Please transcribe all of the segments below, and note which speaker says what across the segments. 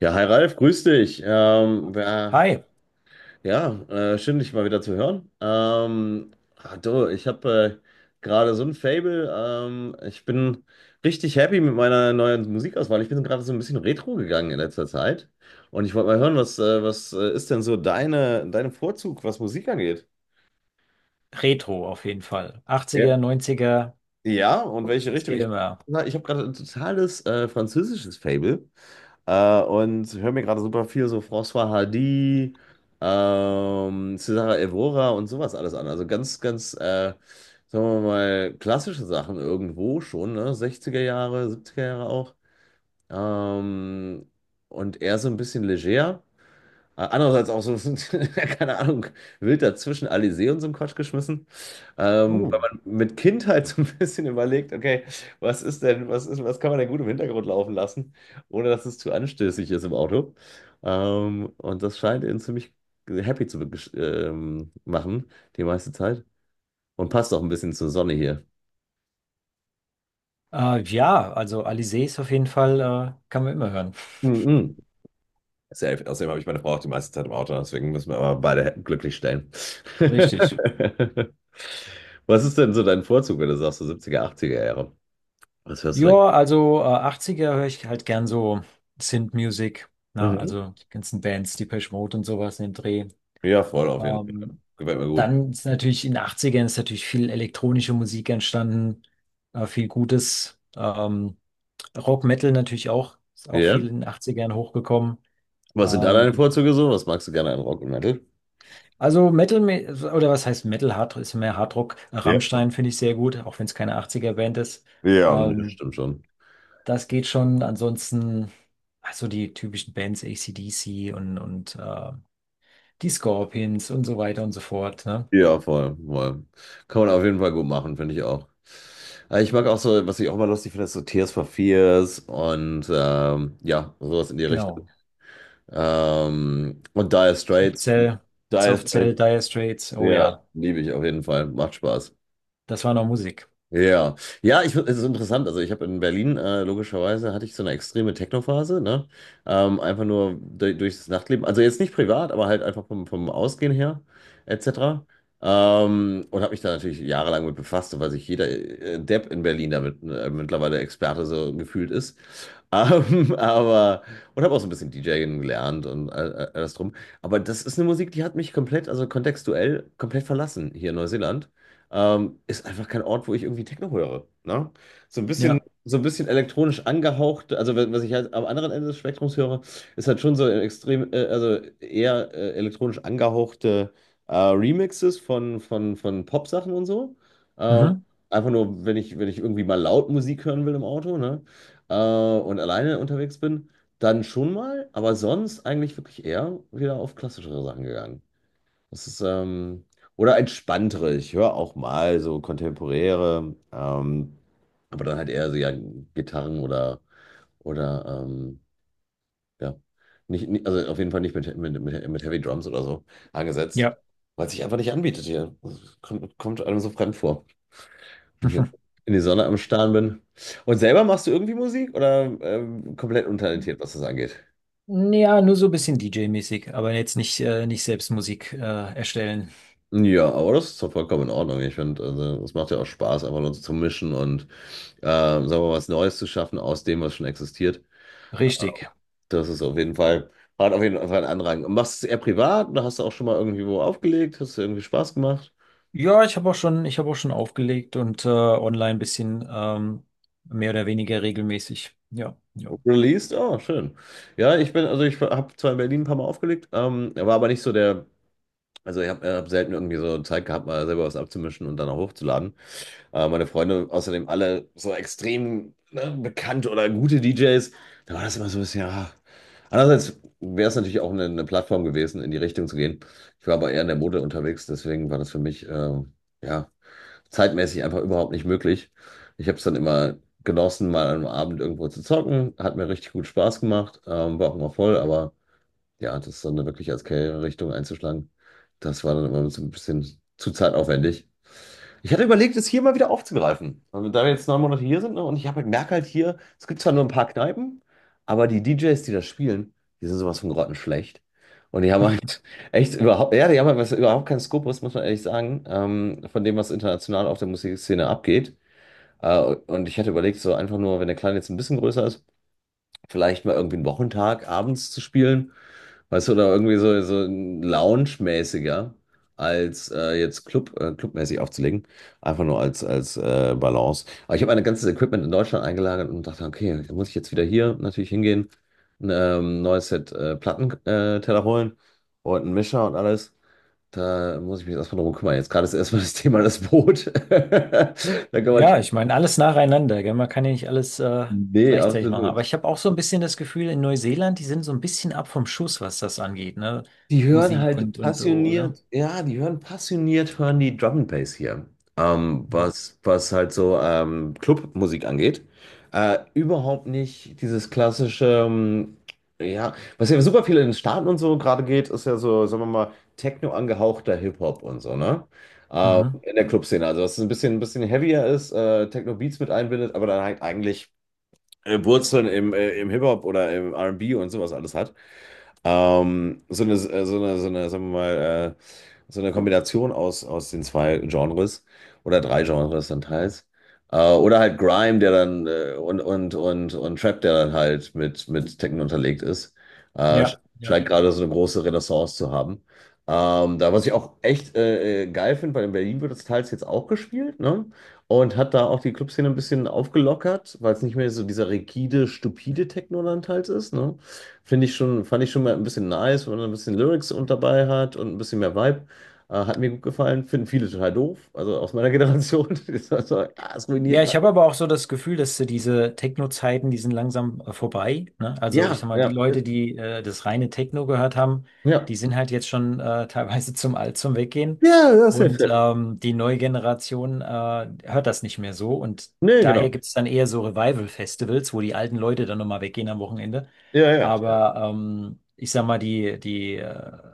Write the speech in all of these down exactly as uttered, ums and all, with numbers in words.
Speaker 1: Ja, hi Ralf, grüß dich. Ähm, ja,
Speaker 2: Hi,
Speaker 1: ja äh, schön, dich mal wieder zu hören. Ähm, ah, du, ich habe äh, gerade so ein Fable. Ähm, ich bin richtig happy mit meiner neuen Musikauswahl. Ich bin gerade so ein bisschen retro gegangen in letzter Zeit. Und ich wollte mal hören, was, äh, was äh, ist denn so deine, dein Vorzug, was Musik angeht?
Speaker 2: Retro auf jeden Fall.
Speaker 1: Ja.
Speaker 2: achtziger, neunziger,
Speaker 1: Ja, und welche
Speaker 2: es
Speaker 1: Richtung?
Speaker 2: geht
Speaker 1: Ich,
Speaker 2: immer.
Speaker 1: ich habe gerade ein totales äh, französisches Fable. Äh, und höre mir gerade super viel so François Hardy, ähm, Cesare Evora und sowas alles an. Also ganz, ganz, äh, sagen wir mal, klassische Sachen irgendwo schon, ne? sechziger Jahre, siebziger Jahre auch. Ähm, und eher so ein bisschen leger. Äh, Andererseits auch so, ein- keine Ahnung, wild dazwischen Alizé und so einen Quatsch geschmissen. Ähm, wenn
Speaker 2: Oh.
Speaker 1: man mit Kindheit so ein bisschen überlegt, okay, was ist denn, was ist, was kann man denn gut im Hintergrund laufen lassen, ohne dass es zu anstößig ist im Auto. Ähm, und das scheint ihn ziemlich happy zu begesch- ähm, machen, die meiste Zeit. Und passt auch ein bisschen zur Sonne hier.
Speaker 2: Äh, ja, also Alizés auf jeden Fall äh, kann man immer hören.
Speaker 1: Mhm. Safe. Außerdem habe ich meine Frau auch die meiste Zeit im Auto, deswegen müssen wir aber beide Hä- glücklich stellen.
Speaker 2: Richtig.
Speaker 1: Was ist denn so dein Vorzug, wenn du sagst, so siebziger, achtziger Jahre? Was hörst du denn?
Speaker 2: Ja, also äh, achtziger höre ich halt gern so Synth-Music, ne?
Speaker 1: Mhm.
Speaker 2: Also die ganzen Bands, Depeche Mode und sowas in dem Dreh.
Speaker 1: Ja, voll auf jeden Fall.
Speaker 2: Ähm,
Speaker 1: Gefällt mir gut.
Speaker 2: dann ist natürlich in den achtzigern ist natürlich viel elektronische Musik entstanden, äh, viel Gutes. Ähm, Rock Metal natürlich auch, ist auch viel
Speaker 1: Ja?
Speaker 2: in den achtzigern hochgekommen.
Speaker 1: Was sind da
Speaker 2: Ähm,
Speaker 1: deine Vorzüge so? Was magst du gerne an Rock und Metal?
Speaker 2: Also Metal, oder was heißt Metal, Hard, ist mehr Hardrock.
Speaker 1: Ja,
Speaker 2: Rammstein finde ich sehr gut, auch wenn es keine achtziger-Band ist.
Speaker 1: ja, das
Speaker 2: Ähm,
Speaker 1: stimmt schon.
Speaker 2: das geht schon. Ansonsten, also die typischen Bands, A C/D C und, und äh, die Scorpions und so weiter und so fort. Ne?
Speaker 1: Ja, voll, voll. Kann man auf jeden Fall gut machen, finde ich auch. Aber ich mag auch so, was ich auch immer lustig finde, ist so Tears for Fears und ähm, ja, sowas in die Richtung.
Speaker 2: Genau.
Speaker 1: Ähm, und Dire Straits,
Speaker 2: Cell,
Speaker 1: Dire
Speaker 2: Soft Cell,
Speaker 1: Straits,
Speaker 2: Dire Straits, oh
Speaker 1: ja,
Speaker 2: ja,
Speaker 1: liebe ich auf jeden Fall. Macht Spaß.
Speaker 2: das war noch Musik.
Speaker 1: Ja, ja, ich, es ist interessant. Also ich habe in Berlin, äh, logischerweise, hatte ich so eine extreme Techno-Phase, ne? Ähm, einfach nur du- durch das Nachtleben. Also jetzt nicht privat, aber halt einfach vom, vom Ausgehen her, et cetera. Ähm, und habe mich da natürlich jahrelang mit befasst, so weil sich jeder äh, Depp in Berlin damit äh, mittlerweile Experte so gefühlt ist. Ähm, aber, und habe auch so ein bisschen DJing gelernt und all, all- alles drum. Aber das ist eine Musik, die hat mich komplett, also kontextuell, komplett verlassen hier in Neuseeland. Ähm, ist einfach kein Ort, wo ich irgendwie Techno höre. Ne? So ein bisschen,
Speaker 2: Ja,
Speaker 1: so ein bisschen elektronisch angehaucht, also wenn- was ich halt am anderen Ende des Spektrums höre, ist halt schon so extrem, äh, also eher äh, elektronisch angehauchte äh, Remixes von, von, von Pop-Sachen und so. Ähm,
Speaker 2: mhm.
Speaker 1: einfach nur, wenn ich, wenn ich irgendwie mal laut Musik hören will im Auto, ne? Äh, und alleine unterwegs bin, dann schon mal, aber sonst eigentlich wirklich eher wieder auf klassischere Sachen gegangen. Das ist, ähm, oder entspanntere. Ich höre auch mal so kontemporäre, ähm, aber dann halt eher so ja, Gitarren oder, oder ähm, ja, nicht, nicht, also auf jeden Fall nicht mit, mit, mit, mit Heavy Drums oder so angesetzt,
Speaker 2: Ja.
Speaker 1: weil es sich einfach nicht anbietet hier. Das kommt, kommt einem so fremd vor, wenn ich jetzt in die Sonne am Starren bin. Und selber machst du irgendwie Musik oder ähm, komplett untalentiert, was das angeht?
Speaker 2: Ja, nur so ein bisschen D J-mäßig, aber jetzt nicht, äh, nicht selbst Musik äh, erstellen.
Speaker 1: Ja, aber das ist doch vollkommen in Ordnung. Ich finde, also, es macht ja auch Spaß, einfach nur zu mischen und äh, sagen wir mal, was Neues zu schaffen aus dem, was schon existiert.
Speaker 2: Richtig.
Speaker 1: Das ist auf jeden Fall, hat auf jeden Fall einen Anrang. Und machst du es eher privat oder hast du auch schon mal irgendwie wo aufgelegt? Hast du irgendwie Spaß gemacht?
Speaker 2: Ja, ich habe auch schon, ich habe auch schon aufgelegt und äh, online ein bisschen ähm, mehr oder weniger regelmäßig. Ja, ja.
Speaker 1: Released? Oh, schön. Ja, ich bin, also ich habe zwar in Berlin ein paar Mal aufgelegt, ähm, war aber nicht so der, also ich habe hab äh, hab selten irgendwie so Zeit gehabt, mal selber was abzumischen und dann auch hochzuladen. Äh, meine Freunde, außerdem alle so extrem ne, bekannte oder gute D Js, da war das immer so ein bisschen, ah. Andererseits wäre es natürlich auch eine, eine Plattform gewesen, in die Richtung zu gehen. Ich war aber eher in der Mode unterwegs, deswegen war das für mich äh, ja, zeitmäßig einfach überhaupt nicht möglich. Ich habe es dann immer genossen, mal am Abend irgendwo zu zocken, hat mir richtig gut Spaß gemacht, ähm, war auch immer voll, aber ja, das dann wirklich als Karriere-Richtung einzuschlagen, das war dann immer so ein bisschen zu zeitaufwendig. Ich hatte überlegt, es hier mal wieder aufzugreifen. Also, da wir jetzt neun Monate hier sind, ne, und ich habe merke halt hier, es gibt zwar nur ein paar Kneipen, aber die D Js, die das spielen, die sind sowas von grottenschlecht. Und die haben halt echt überhaupt, ja, die haben halt was, überhaupt keinen Skopus, muss man ehrlich sagen, ähm, von dem, was international auf der Musikszene abgeht. Äh, und ich hatte überlegt, so einfach nur, wenn der Kleine jetzt ein bisschen größer ist, vielleicht mal irgendwie einen Wochentag abends zu spielen. Weißt du, oder irgendwie so, so ein Lounge-mäßiger als äh, jetzt Club, äh, Clubmäßig aufzulegen. Einfach nur als, als äh, Balance. Aber ich habe mein ganzes Equipment in Deutschland eingelagert und dachte, okay, da muss ich jetzt wieder hier natürlich hingehen, ein ähm, neues Set äh, Plattenteller äh, Teller holen und einen Mischer und alles. Da muss ich mich erstmal drum kümmern. Jetzt gerade ist erstmal das Thema das Boot. Da kann man
Speaker 2: Ja,
Speaker 1: schon.
Speaker 2: ich meine, alles nacheinander, gell? Man kann ja nicht alles äh,
Speaker 1: Nee,
Speaker 2: gleichzeitig machen. Aber
Speaker 1: absolut.
Speaker 2: ich habe auch so ein bisschen das Gefühl, in Neuseeland, die sind so ein bisschen ab vom Schuss, was das angeht, ne?
Speaker 1: Die hören
Speaker 2: Musik
Speaker 1: halt
Speaker 2: und, und so, ne?
Speaker 1: passioniert, ja, die hören passioniert, hören die Drum and Bass hier. Ähm,
Speaker 2: Mhm.
Speaker 1: was, was halt so ähm, Clubmusik angeht. Äh, überhaupt nicht dieses klassische, ähm, ja, was ja super viel in den Staaten und so gerade geht, ist ja so, sagen wir mal, Techno angehauchter Hip-Hop und so, ne? Äh,
Speaker 2: Mhm.
Speaker 1: in der Clubszene. Also, was ein bisschen, ein bisschen heavier ist, äh, Techno-Beats mit einbindet, aber dann halt eigentlich äh, Wurzeln im, äh, im Hip-Hop oder im R and B und B und sowas alles hat. Ähm, so eine, äh, so eine, so eine, sagen wir mal, äh, so eine Kombination aus, aus den zwei Genres oder drei Genres dann teils. Äh, oder halt Grime, der dann äh, und, und, und, und Trap, der dann halt mit, mit Techno unterlegt ist. Äh, sch-
Speaker 2: Ja. ja.
Speaker 1: scheint gerade so eine große Renaissance zu haben. Ähm, da, was ich auch echt äh, äh, geil finde, weil in Berlin wird das teils jetzt auch gespielt, ne? Und hat da auch die Clubszene ein bisschen aufgelockert, weil es nicht mehr so dieser rigide, stupide Technoland halt ist, ne? Finde ich schon, fand ich schon mal ein bisschen nice, wenn man ein bisschen Lyrics und dabei hat und ein bisschen mehr Vibe. Äh, hat mir gut gefallen. Finden viele total doof, also aus meiner Generation. Die sagen so, ah, es ruiniert
Speaker 2: Ja, ich
Speaker 1: gerade.
Speaker 2: habe aber auch so das Gefühl, dass äh, diese Techno-Zeiten, die sind langsam äh, vorbei, ne? Also ich
Speaker 1: Ja,
Speaker 2: sag mal, die
Speaker 1: ja,
Speaker 2: Leute, die äh, das reine Techno gehört haben,
Speaker 1: ja.
Speaker 2: die sind halt jetzt schon äh, teilweise zum Alt zum Weggehen.
Speaker 1: Ja, ja, safe,
Speaker 2: Und
Speaker 1: safe.
Speaker 2: ähm, die neue Generation äh, hört das nicht mehr so. Und
Speaker 1: Nee, genau.
Speaker 2: daher gibt es dann eher so Revival-Festivals, wo die alten Leute dann nochmal weggehen am Wochenende.
Speaker 1: Ja, ja. Ja,
Speaker 2: Aber ähm, ich sag mal, die, die äh,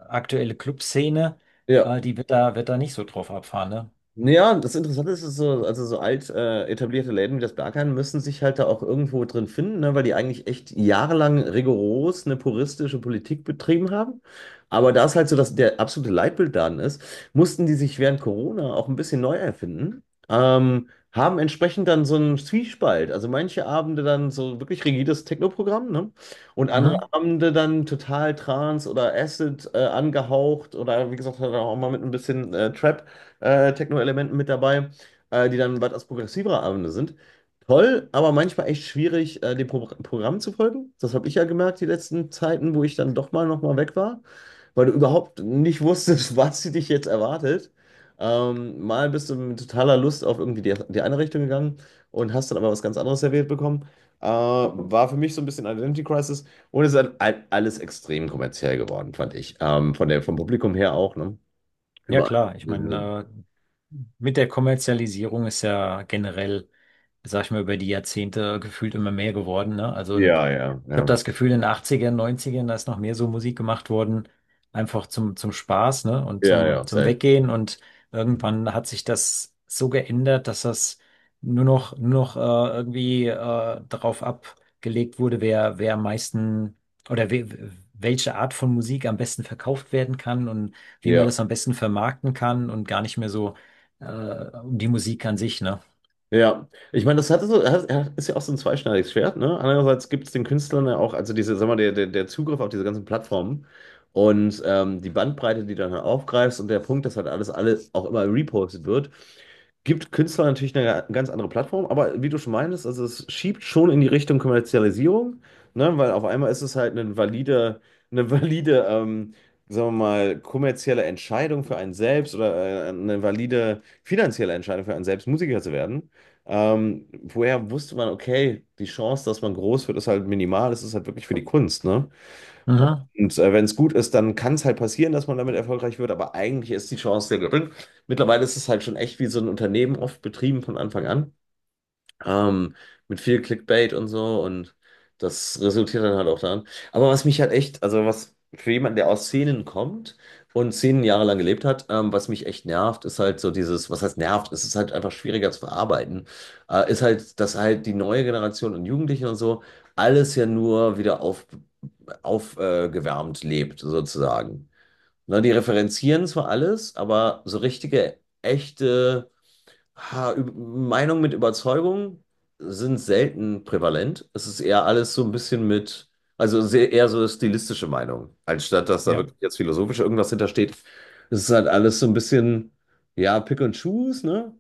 Speaker 2: aktuelle Clubszene,
Speaker 1: ja.
Speaker 2: äh, die wird da, wird da nicht so drauf abfahren, ne?
Speaker 1: Ja, das Interessante ist, ist so, also so alt äh, etablierte Läden wie das Berghain müssen sich halt da auch irgendwo drin finden, ne, weil die eigentlich echt jahrelang rigoros eine puristische Politik betrieben haben. Aber da es halt so dass der absolute Leitbildladen ist, mussten die sich während Corona auch ein bisschen neu erfinden, ähm, haben entsprechend dann so einen Zwiespalt. Also manche Abende dann so wirklich rigides Techno-Programm, ne? Und andere
Speaker 2: Mhm.
Speaker 1: Abende dann total Trance oder Acid äh, angehaucht oder wie gesagt, halt auch mal mit ein bisschen äh, Trap äh, Techno-Elementen mit dabei, äh, die dann etwas progressivere Abende sind. Toll, aber manchmal echt schwierig, äh, dem Pro Programm zu folgen. Das habe ich ja gemerkt, die letzten Zeiten, wo ich dann doch mal noch mal weg war, weil du überhaupt nicht wusstest, was sie dich jetzt erwartet. Ähm, mal bist du mit totaler Lust auf irgendwie die, die eine Richtung gegangen und hast dann aber was ganz anderes serviert bekommen. Äh, war für mich so ein bisschen Identity Crisis und es ist halt all- alles extrem kommerziell geworden, fand ich. Ähm, von der, vom Publikum her auch, ne?
Speaker 2: Ja,
Speaker 1: Überall.
Speaker 2: klar. Ich meine, mit der Kommerzialisierung ist ja generell, sag ich mal, über die Jahrzehnte gefühlt immer mehr geworden, ne? Also ein
Speaker 1: Ja, ja,
Speaker 2: ich habe
Speaker 1: ja.
Speaker 2: das Gefühl, in den Achtzigern, Neunzigern, da ist noch mehr so Musik gemacht worden, einfach zum, zum Spaß, ne? Und
Speaker 1: Ja,
Speaker 2: zum,
Speaker 1: ja,
Speaker 2: zum
Speaker 1: safe.
Speaker 2: Weggehen. Und irgendwann hat sich das so geändert, dass das nur noch, nur noch äh, irgendwie äh, darauf abgelegt wurde, wer, wer am meisten oder we, welche Art von Musik am besten verkauft werden kann und wie man
Speaker 1: Ja.
Speaker 2: das am besten vermarkten kann und gar nicht mehr so äh, um die Musik an sich, ne?
Speaker 1: Ja, ich meine, das hat so, hat- ja, ist ja auch so ein zweischneidiges Schwert, ne? Andererseits gibt es den Künstlern ja auch, also diese, sag mal, der, der, der Zugriff auf diese ganzen Plattformen und ähm, die Bandbreite, die du dann aufgreifst und der Punkt, dass halt alles, alles auch immer repostet wird, gibt Künstlern natürlich eine ganz andere Plattform, aber wie du schon meintest, also es schiebt schon in die Richtung Kommerzialisierung, ne? Weil auf einmal ist es halt eine valide, eine valide, ähm, sagen wir mal, kommerzielle Entscheidung für einen selbst oder äh, eine valide finanzielle Entscheidung für einen selbst, Musiker zu werden. Ähm, woher wusste man, okay, die Chance, dass man groß wird, ist halt minimal, es ist halt wirklich für die Kunst, ne?
Speaker 2: Mhm.
Speaker 1: Und äh, wenn es gut ist, dann kann es halt passieren, dass man damit erfolgreich wird, aber eigentlich ist die Chance sehr gering. Mittlerweile ist es halt schon echt wie so ein Unternehmen, oft betrieben von Anfang an. Ähm, mit viel Clickbait und so und das resultiert dann halt auch daran. Aber was mich halt echt, also was für jemanden, der aus Szenen kommt und Szenen jahrelang gelebt hat, ähm, was mich echt nervt, ist halt so dieses, was heißt nervt, es ist halt einfach schwieriger zu verarbeiten, äh, ist halt, dass halt die neue Generation und Jugendlichen und so alles ja nur wieder auf, aufgewärmt äh, gewärmt lebt, sozusagen. Ne, die referenzieren zwar alles, aber so richtige, echte. Ha, Ü- Meinung mit Überzeugung sind selten prävalent. Es ist eher alles so ein bisschen mit, also sehr, eher so stilistische Meinung, anstatt dass da
Speaker 2: Ja.
Speaker 1: wirklich jetzt philosophisch irgendwas hintersteht. Es ist halt alles so ein bisschen, ja, Pick and Choose, ne?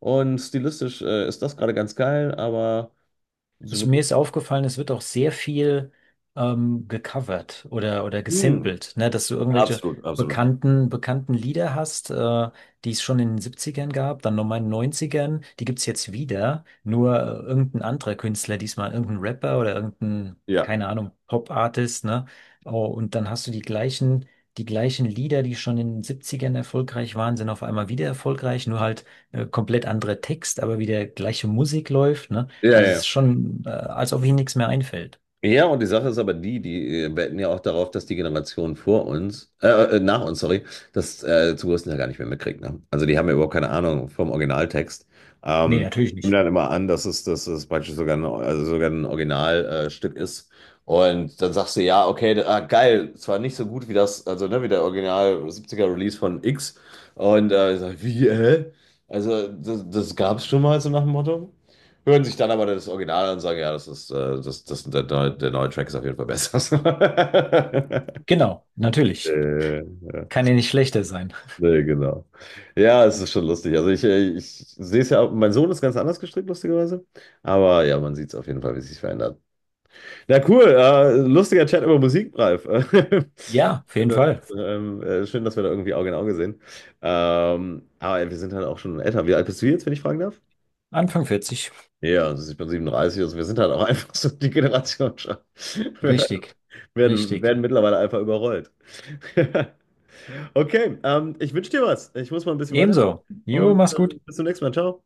Speaker 1: Und stilistisch äh, ist das gerade ganz geil, aber so
Speaker 2: Es, mir
Speaker 1: wirklich.
Speaker 2: ist aufgefallen, es wird auch sehr viel ähm, gecovert oder, oder
Speaker 1: Hm,
Speaker 2: gesampelt, ne? Dass du irgendwelche
Speaker 1: absolut, absolut.
Speaker 2: bekannten, bekannten Lieder hast, äh, die es schon in den Siebzigern gab, dann nochmal in den Neunzigern, die gibt's jetzt wieder, nur äh, irgendein anderer Künstler, diesmal irgendein Rapper oder irgendein,
Speaker 1: Ja.
Speaker 2: keine Ahnung, Pop-Artist, ne? Oh, und dann hast du die gleichen, die gleichen Lieder, die schon in den Siebzigern erfolgreich waren, sind auf einmal wieder erfolgreich, nur halt äh, komplett anderer Text, aber wieder gleiche Musik läuft, ne?
Speaker 1: Ja, ja.
Speaker 2: Also es
Speaker 1: Ja.
Speaker 2: ist schon, äh, als ob ihm nichts mehr einfällt.
Speaker 1: Ja, und die Sache ist aber die, die äh, wetten ja auch darauf, dass die Generation vor uns, äh, äh, nach uns, sorry, das äh, zum größten Teil gar nicht mehr mitkriegt. Ne? Also die haben ja überhaupt keine Ahnung vom Originaltext.
Speaker 2: Nee,
Speaker 1: Ähm,
Speaker 2: natürlich
Speaker 1: nehmen
Speaker 2: nicht.
Speaker 1: dann immer an, dass es, dass es praktisch sogar ein, also sogar ein Originalstück äh, Stück ist. Und dann sagst du, ja, okay, ah, geil, zwar nicht so gut wie das, also ne, wie der Original siebziger Release von X. Und äh, ich sag, wie, hä? Also das, das gab es schon mal so nach dem Motto. Hören sich dann aber das Original an und sagen, ja, das ist, äh, das, das, der, neue, der neue Track ist auf jeden Fall besser.
Speaker 2: Genau, natürlich.
Speaker 1: äh, ja.
Speaker 2: Kann ja nicht schlechter sein.
Speaker 1: Nee, genau. Ja, es ist schon lustig. Also ich, äh, ich sehe es ja, auch- mein Sohn ist ganz anders gestrickt, lustigerweise. Aber ja, man sieht es auf jeden Fall, wie es sich verändert. Na cool, äh, lustiger Chat über Musik, Ralf.
Speaker 2: Ja, auf jeden
Speaker 1: Alter,
Speaker 2: Fall.
Speaker 1: ähm, äh, schön, dass wir da irgendwie Auge in Auge sehen. Ähm, aber ja, wir sind halt auch schon älter. Wie alt bist du jetzt, wenn ich fragen darf?
Speaker 2: Anfang vierzig.
Speaker 1: Ja, also ich bin siebenunddreißig, also wir sind halt auch einfach so die Generation schon. Wir
Speaker 2: Richtig,
Speaker 1: werden,
Speaker 2: richtig.
Speaker 1: werden mittlerweile einfach überrollt. Okay, ähm, ich wünsche dir was. Ich muss mal ein bisschen weiter
Speaker 2: Ebenso. Jo,
Speaker 1: und
Speaker 2: mach's
Speaker 1: äh,
Speaker 2: gut.
Speaker 1: bis zum nächsten Mal. Ciao.